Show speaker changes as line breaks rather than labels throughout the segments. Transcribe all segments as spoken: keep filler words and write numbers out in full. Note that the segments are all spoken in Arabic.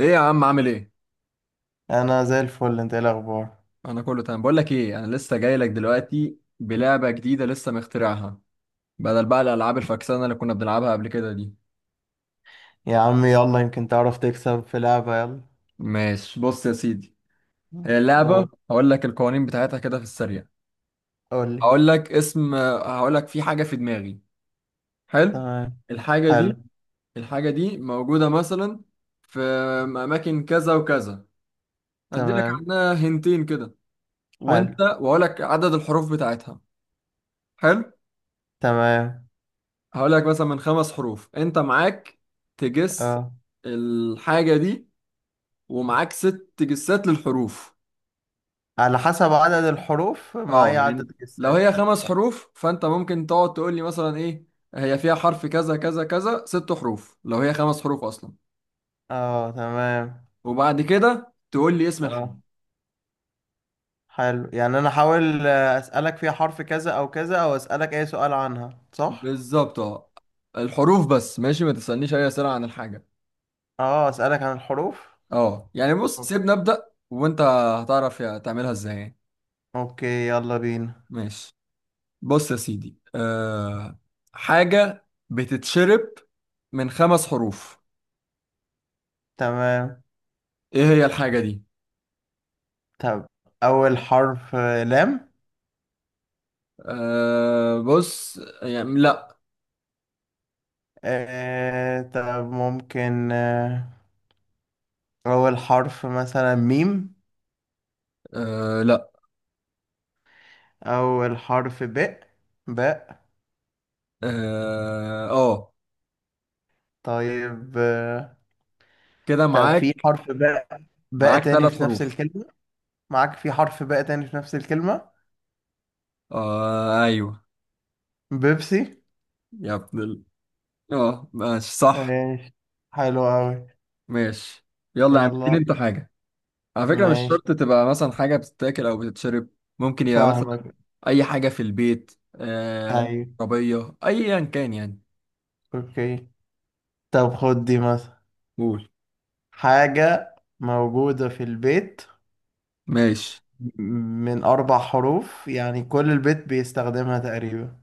ايه يا عم، عامل ايه؟
انا زي الفل. انت ايه الاخبار؟
انا كله تمام. بقول لك ايه، انا لسه جاي لك دلوقتي بلعبه جديده لسه مخترعها. بدل بقى الالعاب الفكسانه اللي كنا بنلعبها قبل كده دي.
يا عم، يلا يمكن تعرف تكسب في لعبة. يلا.
ماشي، بص يا سيدي. هي اللعبه،
قول
هقول لك القوانين بتاعتها كده في السريع.
قول لي
هقول لك اسم هقول لك في حاجه في دماغي. حلو.
تمام.
الحاجه
حلو.
دي الحاجه دي موجوده مثلا في اماكن كذا وكذا. هدي لك
تمام.
عنها هنتين كده.
حلو.
وانت واقول لك عدد الحروف بتاعتها. حلو.
تمام.
هقول لك مثلا من خمس حروف، انت معاك تجس
اه،
الحاجة دي، ومعاك ست جسات للحروف.
على حسب عدد الحروف
اه،
معايا عدد
يعني لو
الجسات.
هي خمس حروف فانت ممكن تقعد تقول لي مثلا: ايه، هي فيها حرف كذا كذا كذا، ست حروف لو هي خمس حروف اصلا.
اه، تمام.
وبعد كده تقول لي اسم الحاجة.
اه، حلو. يعني انا احاول، آه، اسالك فيها حرف كذا او كذا، او اسالك اي سؤال عنها، صح؟
بالظبط، اه. الحروف بس، ماشي، ما تسألنيش اي أسئلة عن الحاجة.
اه، اسالك عن الحروف.
اه، يعني بص، سيبني
اوكي.
أبدأ وانت هتعرف يا- تعملها ازاي يعني.
اوكي، يلا بينا.
ماشي، بص يا سيدي. أه حاجة بتتشرب من خمس حروف.
تمام.
ايه هي الحاجة دي؟
طب اول حرف، آه، لام.
أه بص، يعني لا.
آه، طب ممكن، آه، أول حرف مثلا ميم؟
أه، لا.
أو الحرف باء. باء.
اه، آه.
طيب. آه،
كده
طب في
معاك.
حرف باء، باء
معاك
تاني
ثلاث
في نفس
حروف.
الكلمة؟ معاك في حرف باء تاني في نفس الكلمة.
أه، ايوه.
بيبسي.
يا ابن ال-. اه ماشي، صح.
ماشي. حلو أوي.
ماشي. يلا يا عم، اديني
يلا.
انت حاجة. على فكرة، مش
ماشي.
شرط تبقى مثلا حاجة بتتاكل او بتتشرب. ممكن يبقى مثلا
فاهمك.
اي حاجة في البيت، آه
أيوة.
عربية ايا كان يعني.
أوكي. طب خد دي مثلا،
قول.
حاجة موجودة في البيت
ماشي.
من أربع حروف، يعني كل البيت بيستخدمها تقريبا.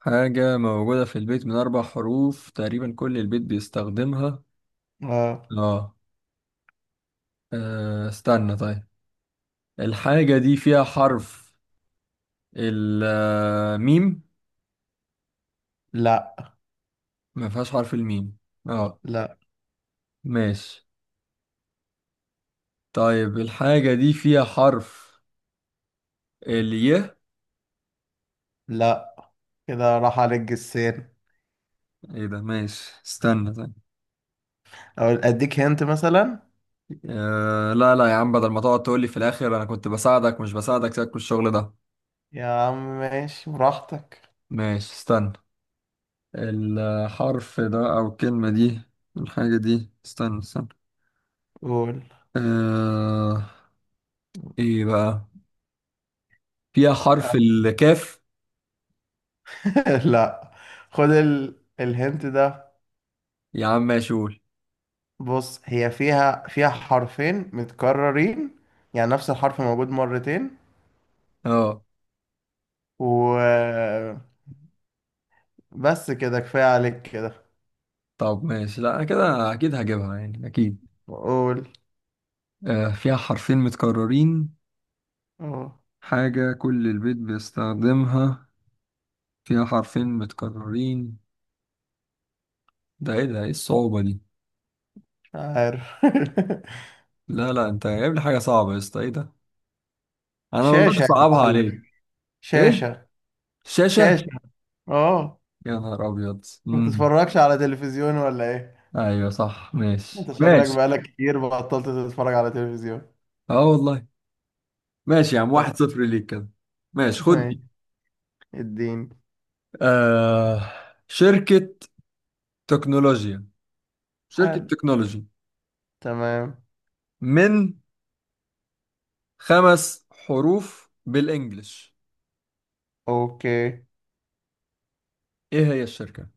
حاجة موجودة في البيت من أربع حروف، تقريبا كل البيت بيستخدمها.
اه.
آه. آه، استنى طيب. الحاجة دي فيها حرف الميم؟
لا.
ما فيهاش حرف الميم. آه.
لا.
ماشي. طيب، الحاجة دي فيها حرف الي؟
لا، كده راح عليك جسين.
ايه ده؟ ماشي، استنى طيب.
او اديك هنت مثلا.
آه لا لا يا عم، بدل ما تقعد تقولي في الآخر أنا كنت بساعدك مش بساعدك، سيبك من الشغل ده.
يا عم ماشي براحتك.
ماشي، استنى. الحرف ده أو الكلمة دي، الحاجة دي، استنى استنى.
قول.
آه إيه بقى؟ فيها حرف الكاف؟
لا. خد ال... الهنت ده.
يا عم ماشي، قول.
بص، هي فيها فيها حرفين متكررين، يعني نفس الحرف موجود مرتين.
اه.
و بس كده، كفاية عليك كده.
طب ماشي، لا أنا كده أكيد هجيبها يعني، أكيد.
قول.
آه فيها حرفين متكررين.
اه،
حاجة كل البيت بيستخدمها، فيها حرفين متكررين، ده إيه؟ ده إيه الصعوبة دي؟
مش عارف.
لا لا، أنت جايب لي حاجة صعبة يا اسطى، إيه ده؟ أنا ما
شاشة
برضاش
يا
أصعبها عليك.
معلم.
إيه؟
شاشة. شاشة.
شاشة؟
اه.
يا نهار أبيض،
ما
مم.
تتفرجش على تلفزيون ولا ايه؟
ايوه صح، ماشي
انت شكلك
ماشي.
بقالك كتير بطلت تتفرج على تلفزيون.
اه والله. ماشي يا عم،
طب.
واحد صفر ليك كده. ماشي، خد
ماشي.
دي.
الدين.
آه. شركة تكنولوجيا شركة
حلو.
تكنولوجي
تمام.
من خمس حروف بالانجلش.
اوكي.
ايه هي الشركة؟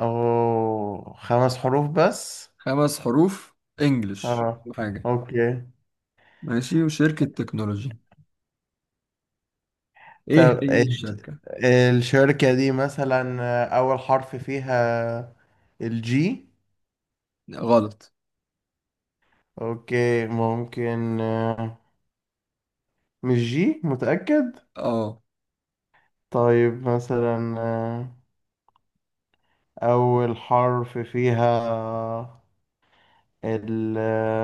اوه، خمس حروف بس؟
خمس حروف، انجلش.
اه.
حاجة.
اوكي.
ماشي، وشركة تكنولوجي. ايه
طب
هي
ال-
الشركة؟
الشركة دي مثلا، آه، اول حرف فيها الجي؟
غلط.
اوكي، ممكن. آه، مش جي متأكد.
اه.
طيب مثلا، آه، اول حرف فيها، ال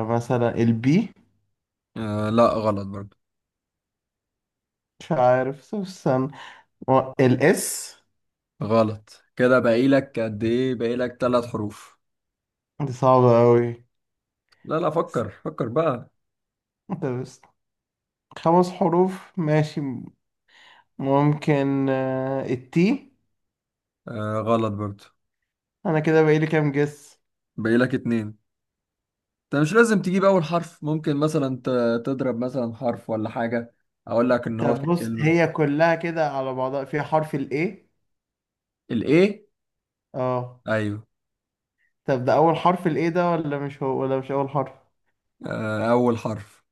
مثلا البي؟
آه، لا غلط برضو.
مش عارف. طب استنى. الاس؟
غلط كده، باقي لك قد ايه؟ باقي لك ثلاث حروف.
دي صعبة أوي.
لا لا، فكر فكر بقى.
انت بس. خمس حروف، ماشي. ممكن، آه، التي؟
آه، غلط برضه.
انا كده بقالي كام جس؟
باقي لك اتنين. انت مش لازم تجيب اول حرف، ممكن مثلا ت- تضرب مثلا حرف ولا حاجة، اقول لك ان هو
طب
في
بص،
الكلمة.
هي كلها كده على بعضها فيها حرف الاي؟
الايه؟
اه.
ايوه.
طب ده اول حرف، الاي ده، ولا مش هو، ولا مش اول حرف؟
آه، اول حرف.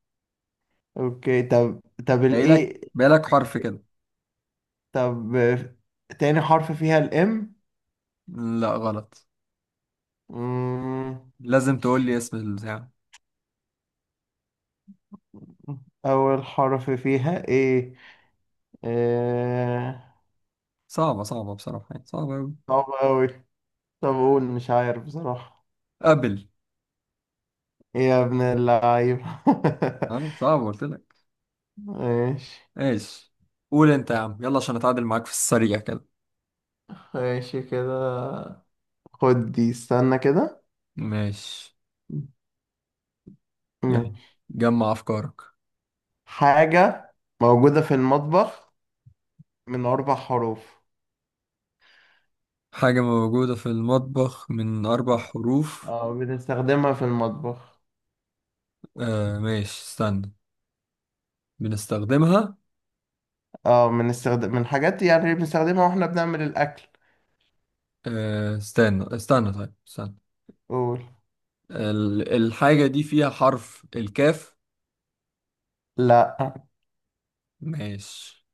اوكي. طب طب
باقي لك
الاي.
باقي لك حرف كده.
طب، آه، تاني حرف فيها الام؟
لا، غلط.
أمم،
لازم تقول لي اسم البتاع.
اول حرف فيها ايه؟ إيه.
صعبة صعبة بصراحة، يعني صعبة اوي.
صعب أوي. طب قول، مش عارف بصراحة.
قبل.
إيه يا ابن اللعيب!
اه، صعبة قلت لك.
ماشي.
ايش؟ قول انت يا عم، يلا عشان اتعادل معاك في السريع كده.
ماشي كده، خد دي، استنى كده.
ماشي يلا،
ماشي.
جمع افكارك.
حاجة موجودة في المطبخ من أربع حروف.
حاجة موجودة في المطبخ من اربع حروف.
اه، بنستخدمها في المطبخ.
آه ماشي، استنى. بنستخدمها.
اه، من استخدام، من حاجات، يعني بنستخدمها واحنا بنعمل الأكل.
آه استنى استنى طيب، استنى.
قول.
ال- الحاجة دي فيها حرف الكاف؟
لا.
ماشي.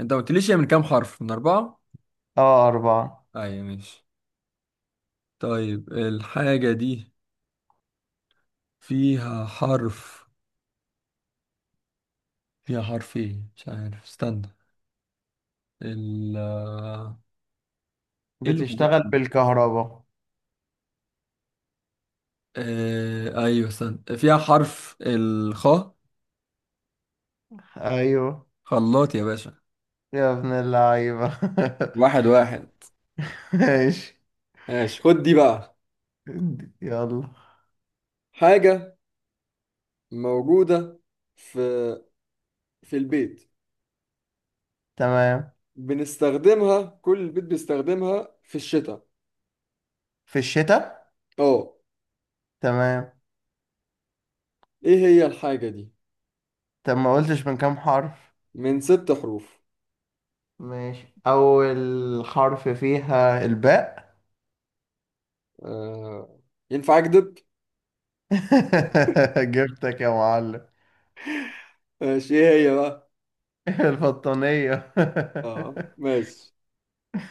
انت ما قلتليش هي من كام حرف؟ من أربعة؟
اه، أربعة.
أيوة، ماشي. طيب الحاجة دي فيها حرف فيها حرف ايه، مش عارف، استنى. ال آه، ايه اللي موجود
بتشتغل
فيه؟
بالكهرباء.
آه، ايوه، استنى، فيها حرف الخاء؟
أيوه
خلاط يا باشا!
يا ابن اللعيبة!
واحد واحد.
ماشي.
ماشي، خد دي بقى.
يلا.
حاجة موجودة في في البيت،
تمام.
بنستخدمها، كل البيت بيستخدمها في الشتاء.
في الشتاء.
اه.
تمام.
ايه هي الحاجة دي؟
طب ما قلتش من كام حرف؟
من ست حروف.
ماشي. أول حرف فيها الباء.
آه. ينفع اكدب؟
جبتك يا معلم!
ماشي ايه هي بقى؟
البطانية.
اه، ماشي.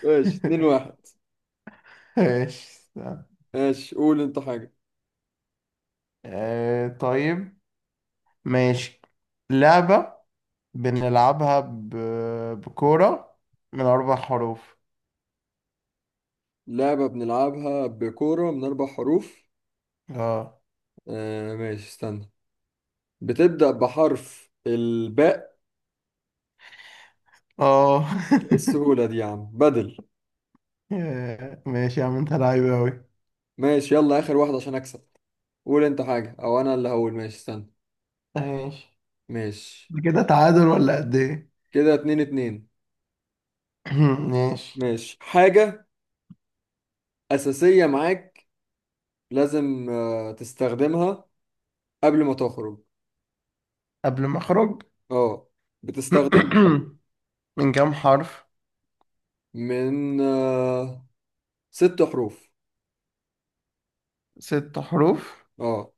ماشي، اتنين واحد
ماشي. استنى.
ماشي، قول انت حاجة.
آه، طيب. ماشي. لعبة بنلعبها ب... بكورة، من أربع حروف.
لعبة بنلعبها بكورة من اربع حروف.
اه.
آه. ماشي، استنى. بتبدأ بحرف الباء؟
اه.
ايه السهولة دي يا عم، بدل.
ماشي يا عم، انت لعيب أوي.
ماشي يلا، اخر واحد عشان اكسب. قول انت حاجة او انا اللي هقول، ماشي استنى.
ماشي.
ماشي،
ده كده تعادل ولا قد ايه؟
كده اتنين اتنين.
ماشي.
ماشي، حاجة اساسية معاك لازم آه، تستخدمها قبل ما تخرج.
قبل ما اخرج.
اه، بتستخدمها.
من كام حرف؟
من آه، ست حروف.
ست حروف.
اه.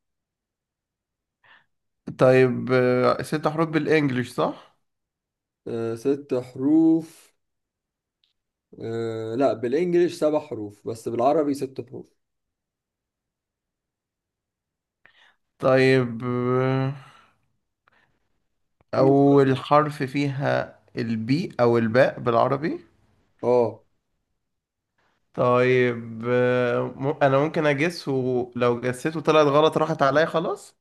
طيب، آه، ست حروف بالانجلش، صح؟
آه، ست حروف. آه، لا بالانجليش سبع حروف بس بالعربي ست حروف.
طيب، آه،
انجليش.
اول حرف فيها البي، او الباء بالعربي.
اه.
طيب، آه، م- انا ممكن اجس، ولو جسيته طلعت غلط راحت عليا خلاص.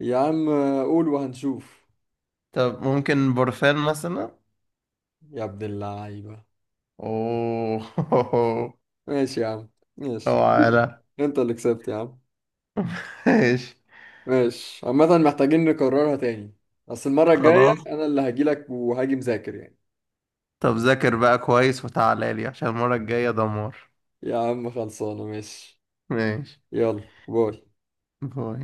يا عم آه، قول وهنشوف.
طب ممكن برفان مثلا؟
يا ابن اللعيبة!
اوه!
ماشي يا عم. ماشي
اوعى.
حبيبي،
لا.
انت اللي كسبت يا عم.
ماشي.
ماشي، عامة محتاجين نكررها تاني، بس المرة الجاية
خلاص.
أنا اللي هجيلك وهاجي مذاكر يعني.
طب ذاكر بقى كويس وتعالى لي عشان المرة الجاية دمار.
يا عم خلصانة، ماشي.
ماشي.
يلا، باي.
باي.